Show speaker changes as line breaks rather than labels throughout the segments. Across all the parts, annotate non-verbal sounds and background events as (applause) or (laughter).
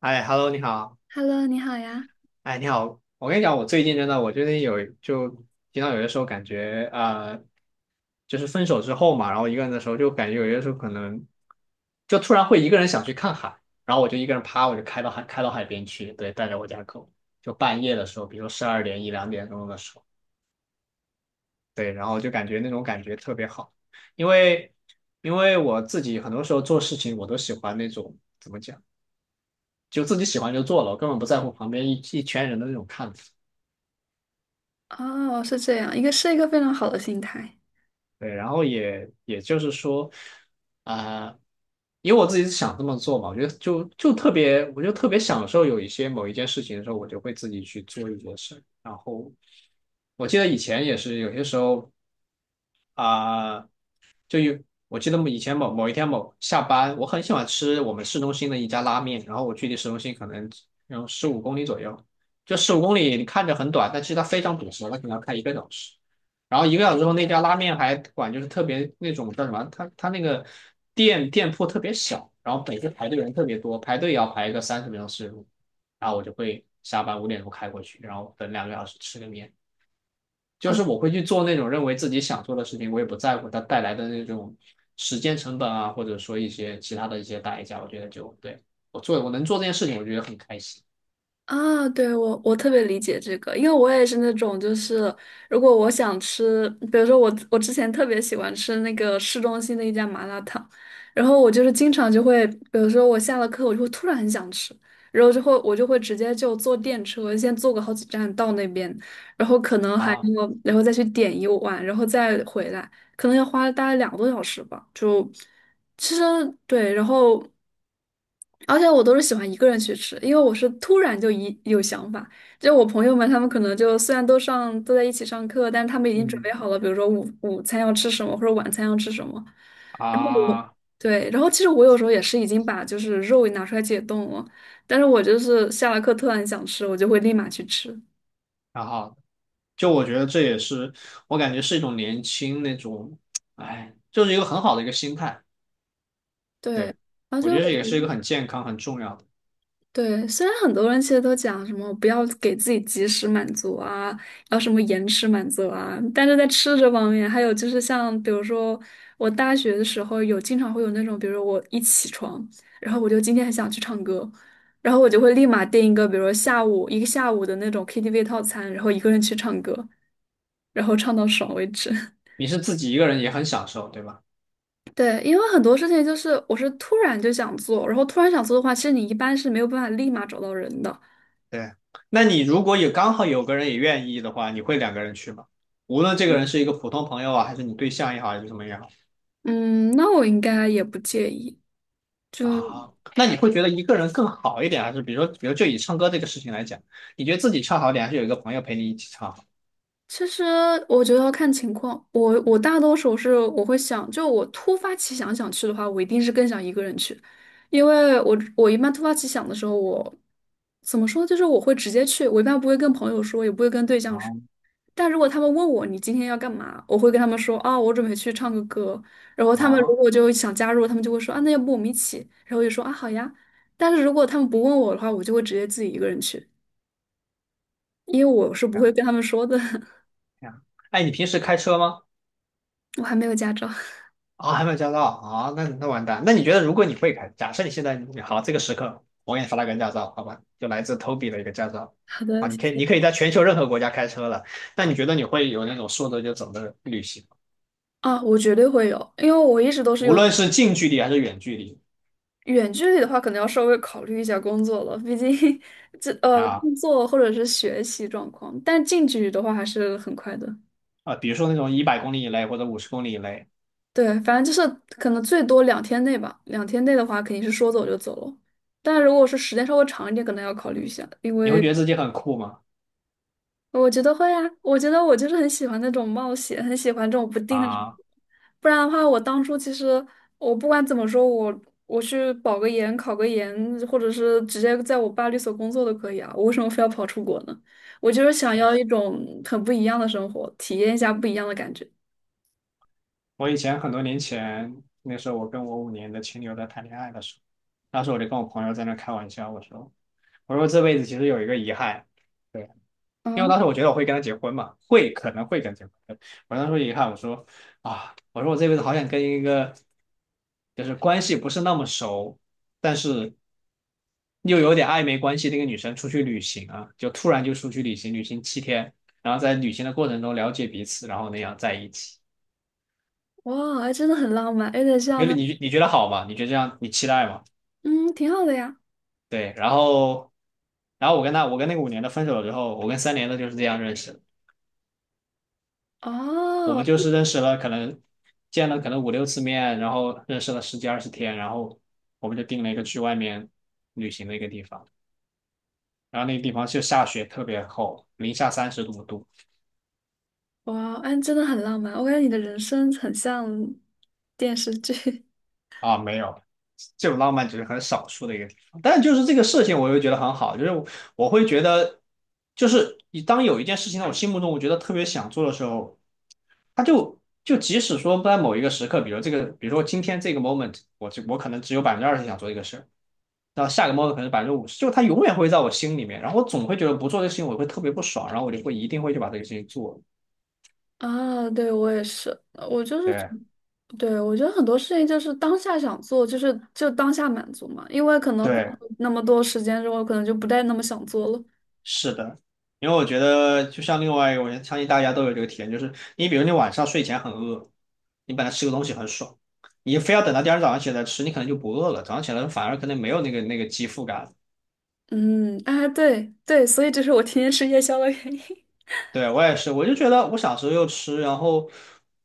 哎，Hello，你好。
Hello，你好呀。
哎，你好，我跟你讲，我最近经常有些时候感觉，就是分手之后嘛，然后一个人的时候，就感觉有些时候可能就突然会一个人想去看海，然后我就一个人趴，我就开到海边去，对，带着我家狗，就半夜的时候，比如12点一两点钟的时候，对，然后就感觉那种感觉特别好，因为因为我自己很多时候做事情，我都喜欢那种怎么讲。就自己喜欢就做了，我根本不在乎旁边一圈人的那种看法。
哦，是这样，一个是一个非常好的心态
对，然后也就是说，啊、因为我自己是想这么做嘛，我觉得就特别，我就特别享受有一些某一件事情的时候，我就会自己去做一些事。然后我记得以前也是有些时候，啊、就有我记得以前某一天下班，我很喜欢吃我们市中心的一家拉面，然后我距离市中心可能有十五公里左右，就十五公里你看着很短，但其实它非常堵车，它可能要开一个小时。然后一个小时后，那家拉面还管，就是特别那种叫什么，它那个店铺特别小，然后每次排队人特别多，排队也要排个30分钟、40分钟。然后我就会下班5点钟开过去，然后等2个小时吃个面，就是我会去做那种认为自己想做的事情，我也不在乎它带来的那种时间成本啊，或者说一些其他的一些代价。我觉得对，我能做这件事情，我觉得很开心。
啊。对，我特别理解这个，因为我也是那种，就是如果我想吃，比如说我之前特别喜欢吃那个市中心的一家麻辣烫，然后我就是经常就会，比如说我下了课，我就会突然很想吃，然后就会我就会直接就坐电车，先坐个好几站到那边，然后可能还
啊，
要然后再去点一碗，然后再回来，可能要花大概两个多小时吧。其实对，然后而且我都是喜欢一个人去吃，因为我是突然就一有想法。就我朋友们，他们可能就虽然都在一起上课，但是他们已经准备
嗯
好了，比如说午餐要吃什么，或者晚餐要吃什么。然后我
啊，
对，然后其实我有时候也是已经把就是肉拿出来解冻了，但是我就是下了课突然想吃，我就会立马去吃。
然后我觉得这也是我感觉是一种年轻那种，哎，就是一个很好的一个心态。
对，
对，
而且
我觉得这
我
也
觉
是一个
得
很健康、很重要的。
对，虽然很多人其实都讲什么不要给自己及时满足啊，要什么延迟满足啊，但是在吃这方面，还有就是像比如说我大学的时候有经常会有那种，比如说我一起床，然后我就今天很想去唱歌，然后我就会立马订一个，比如说下午的那种 KTV 套餐，然后一个人去唱歌，然后唱到爽为止。(laughs)
你是自己一个人也很享受，对吧？
对，因为很多事情就是我是突然就想做，然后突然想做的话，其实你一般是没有办法立马找到人的。
对，那你如果有刚好有个人也愿意的话，你会两个人去吗？无论这个人是一个普通朋友啊，还是你对象也好，还是什么也好。
嗯，那我应该也不介意。就
啊，那你会觉得一个人更好一点，还是比如说，比如就以唱歌这个事情来讲，你觉得自己唱好点，还是有一个朋友陪你一起唱好？
其实我觉得要看情况，我大多数是我会想，就我突发奇想想去的话，我一定是更想一个人去，因为我一般突发奇想的时候，我怎么说就是我会直接去，我一般不会跟朋友说，也不会跟对象说。
哦，
但如果他们问我你今天要干嘛，我会跟他们说啊，我准备去唱个歌。然后他们如
啊，
果就想加入，他们就会说啊，那要不我们一起？然后我就说啊，好呀。但是如果他们不问我的话，我就会直接自己一个人去。因为我是不
这
会
样
跟他们说的，(laughs)
这样。哎，你平时开车吗？
我还没有驾照。
啊，还没有驾照啊，那完蛋。那你觉得，如果你会开，假设你现在好，这个时刻我给你发了个驾照，好吧，就来自 Toby 的一个驾照。
好的，
啊，
谢谢。
你可以在全球任何国家开车了。那你觉得你会有那种说走就走的旅行，
啊，我绝对会有，因为我一直都是
无
有
论是近距离还是远距离。
远距离的话，可能要稍微考虑一下工作了，毕竟 (laughs) 这
啊，
工作或者是学习状况，但近距离的话还是很快的。
啊，比如说那种100公里以内或者50公里以内，
对，反正就是可能最多两天内吧，两天内的话肯定是说走就走了。但如果是时间稍微长一点，可能要考虑一下，因
你会
为
觉得自己很酷吗？
我觉得会啊，我觉得我就是很喜欢那种冒险，很喜欢这种不定的人。
啊，
不然的话，我当初其实我不管怎么说，我我去保个研、考个研，或者是直接在我爸律所工作都可以啊。我为什么非要跑出国呢？我就是想要一种很不一样的生活，体验一下不一样的感觉。
我以前很多年前，那时候我跟我五年的前女友在谈恋爱的时候，当时我就跟我朋友在那开玩笑，我说，这辈子其实有一个遗憾，对，因为
嗯，
当时我觉得我会跟她结婚嘛，可能会跟她结婚，我当时说遗憾，我说啊，我这辈子好想跟一个就是关系不是那么熟，但是又有点暧昧关系的一个女生出去旅行啊，就突然就出去旅行，旅行7天，然后在旅行的过程中了解彼此，然后那样在一起。
哇，哎，真的很浪漫，有点像
觉
那，
得你觉得好吗？你觉得这样你期待吗？
嗯，挺好的呀。
对，然后我跟那个五年的分手了之后，我跟3年的就是这样认识的，我
哦，
们就是认识了可能见了可能五六次面，然后认识了十几二十天，然后我们就定了一个去外面旅行的一个地方，然后那个地方就下雪特别厚，零下30多度。
哇，哎，真的很浪漫。我感觉你的人生很像电视剧。
啊，没有。这种浪漫只是很少数的一个地方，但就是这个事情，我又觉得很好，我会觉得，就是你当有一件事情在我心目中我觉得特别想做的时候，他就即使说在某一个时刻，比如说今天这个 moment，我可能只有20%想做这个事儿，然后下个 moment 可能是50%，就他永远会在我心里面，然后我总会觉得不做这个事情我会特别不爽，然后我就会一定会去把这个事情做了。
啊，对，我也是，我就是总
对
对，我觉得很多事情就是当下想做，就是就当下满足嘛，因为可能过
对，
了那么多时间之后，可能就不再那么想做了。
是的，因为我觉得就像另外一个，我相信大家都有这个体验，就是你比如你晚上睡前很饿，你本来吃个东西很爽，你非要等到第二天早上起来吃，你可能就不饿了，早上起来反而可能没有那个饥腹感。
嗯，啊，对，所以这是我天天吃夜宵的原因。(laughs)
对，我也是，我就觉得我想吃就吃，然后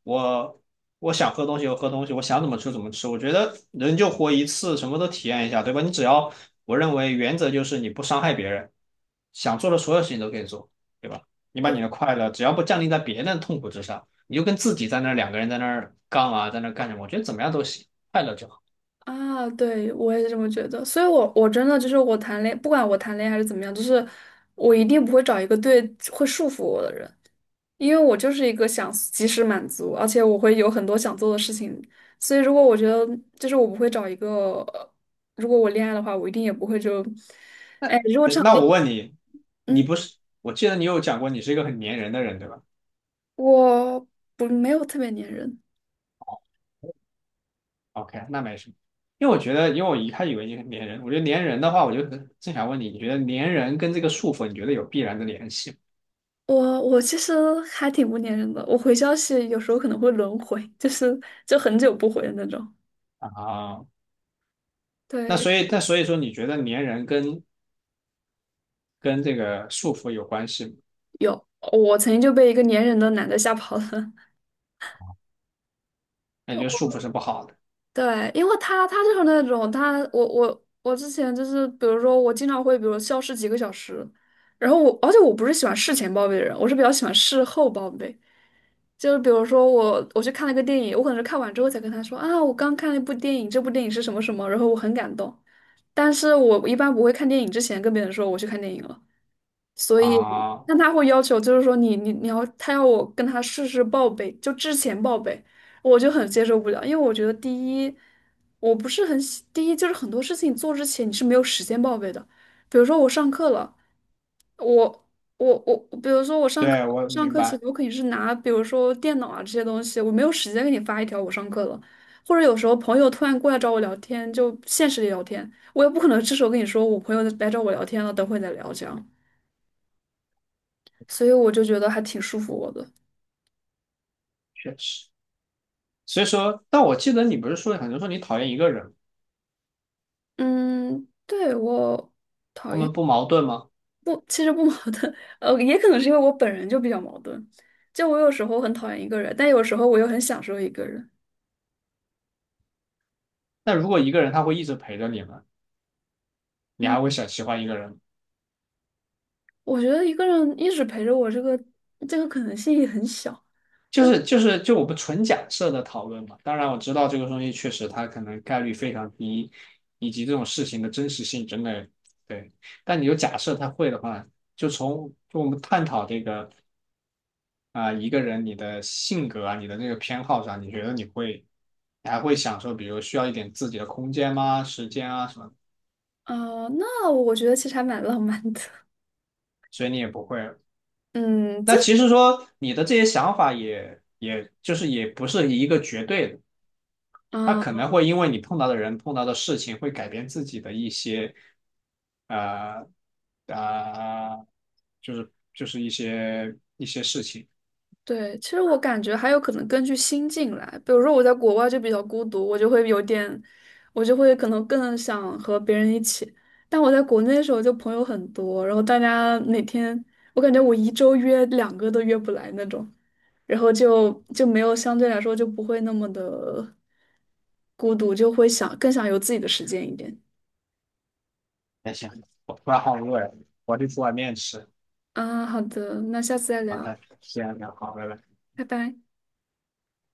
我我想喝东西就喝东西，我想怎么吃怎么吃。我觉得人就活一次，什么都体验一下，对吧？你只要，我认为原则就是你不伤害别人，想做的所有事情都可以做，对吧？你把
对
你的快乐，只要不降临在别人的痛苦之上，你就跟自己在那儿两个人在那儿杠啊，在那儿干什么？我觉得怎么样都行，快乐就好。
啊，对，我也是这么觉得，所以我真的就是我谈恋不管我谈恋爱还是怎么样，就是我一定不会找一个会束缚我的人，因为我就是一个想及时满足，而且我会有很多想做的事情，所以如果我觉得就是我不会找一个，如果我恋爱的话，我一定也不会就，哎，如果
对，
这场
那
恋，
我问你，你
嗯，
不是，我记得你有讲过你是一个很粘人的人，对吧？
我不没有特别粘人。
OK,那没什么，因为我觉得，因为我一开始以为你粘人，我觉得粘人的话，正想问你，你觉得粘人跟这个束缚，你觉得有必然的联系
我其实还挺不粘人的，我回消息有时候可能会轮回，就是就很久不回的那种。
吗？啊？
对，
那所以说，你觉得粘人跟这个束缚有关系吗？
有，我曾经就被一个粘人的男的吓跑了。
那你觉得
(laughs)
束缚是不好的？
对，因为他就是那种他，我之前就是，比如说我经常会，比如消失几个小时，然后我，而且我不是喜欢事前报备的人，我是比较喜欢事后报备。就是比如说我去看了一个电影，我可能是看完之后才跟他说啊，我刚看了一部电影，这部电影是什么什么，然后我很感动。但是我一般不会看电影之前跟别人说我去看电影了。所以，
啊？
但他会要求，就是说你你你要他要我跟他事事报备，就之前报备，我就很接受不了，因为我觉得第一，我不是很喜，第一就是很多事情做之前你是没有时间报备的，比如说我上课了，我我，比如说我上课
对，我
上
明
课前
白，
我肯定是拿，比如说电脑啊这些东西，我没有时间给你发一条我上课了。或者有时候朋友突然过来找我聊天，就现实里聊天，我也不可能这时候跟你说我朋友来找我聊天了，等会再聊这样。所以我就觉得还挺束缚我的。
确实。所以说，但我记得你不是说，很多说你讨厌一个人，
嗯，对，我
他们不矛盾吗？
不，其实不矛盾，(laughs) 也可能是因为我本人就比较矛盾，就我有时候很讨厌一个人，但有时候我又很享受一个人。
那如果一个人他会一直陪着你们，你
嗯，
还会想喜欢一个人吗？
我觉得一个人一直陪着我，这个可能性也很小。
就是就我们纯假设的讨论嘛，当然我知道这个东西确实它可能概率非常低，以及这种事情的真实性真的对，但你就假设他会的话，就我们探讨这个，一个人你的性格啊你的那个偏好上，你觉得你还会享受，比如需要一点自己的空间吗？时间啊什么的。
那我觉得其实还蛮浪漫的。(laughs)
所以你也不会。
嗯，这
那其实说你的这些想法也就是也不是一个绝对的。他可
啊。
能会因为你碰到的人、碰到的事情，会改变自己的一些，呃，呃，就是一些事情。
对，其实我感觉还有可能根据心境来，比如说我在国外就比较孤独，我就会有点，我就会可能更想和别人一起。但我在国内的时候就朋友很多，然后大家每天，我感觉我一周约两个都约不来那种，然后就没有相对来说就不会那么的孤独，就会想更想有自己的时间一点。
那行，我突然好饿呀，我得煮碗面吃。
啊，好的，那下次再
好
聊，
的，先聊，好，拜拜。
拜拜。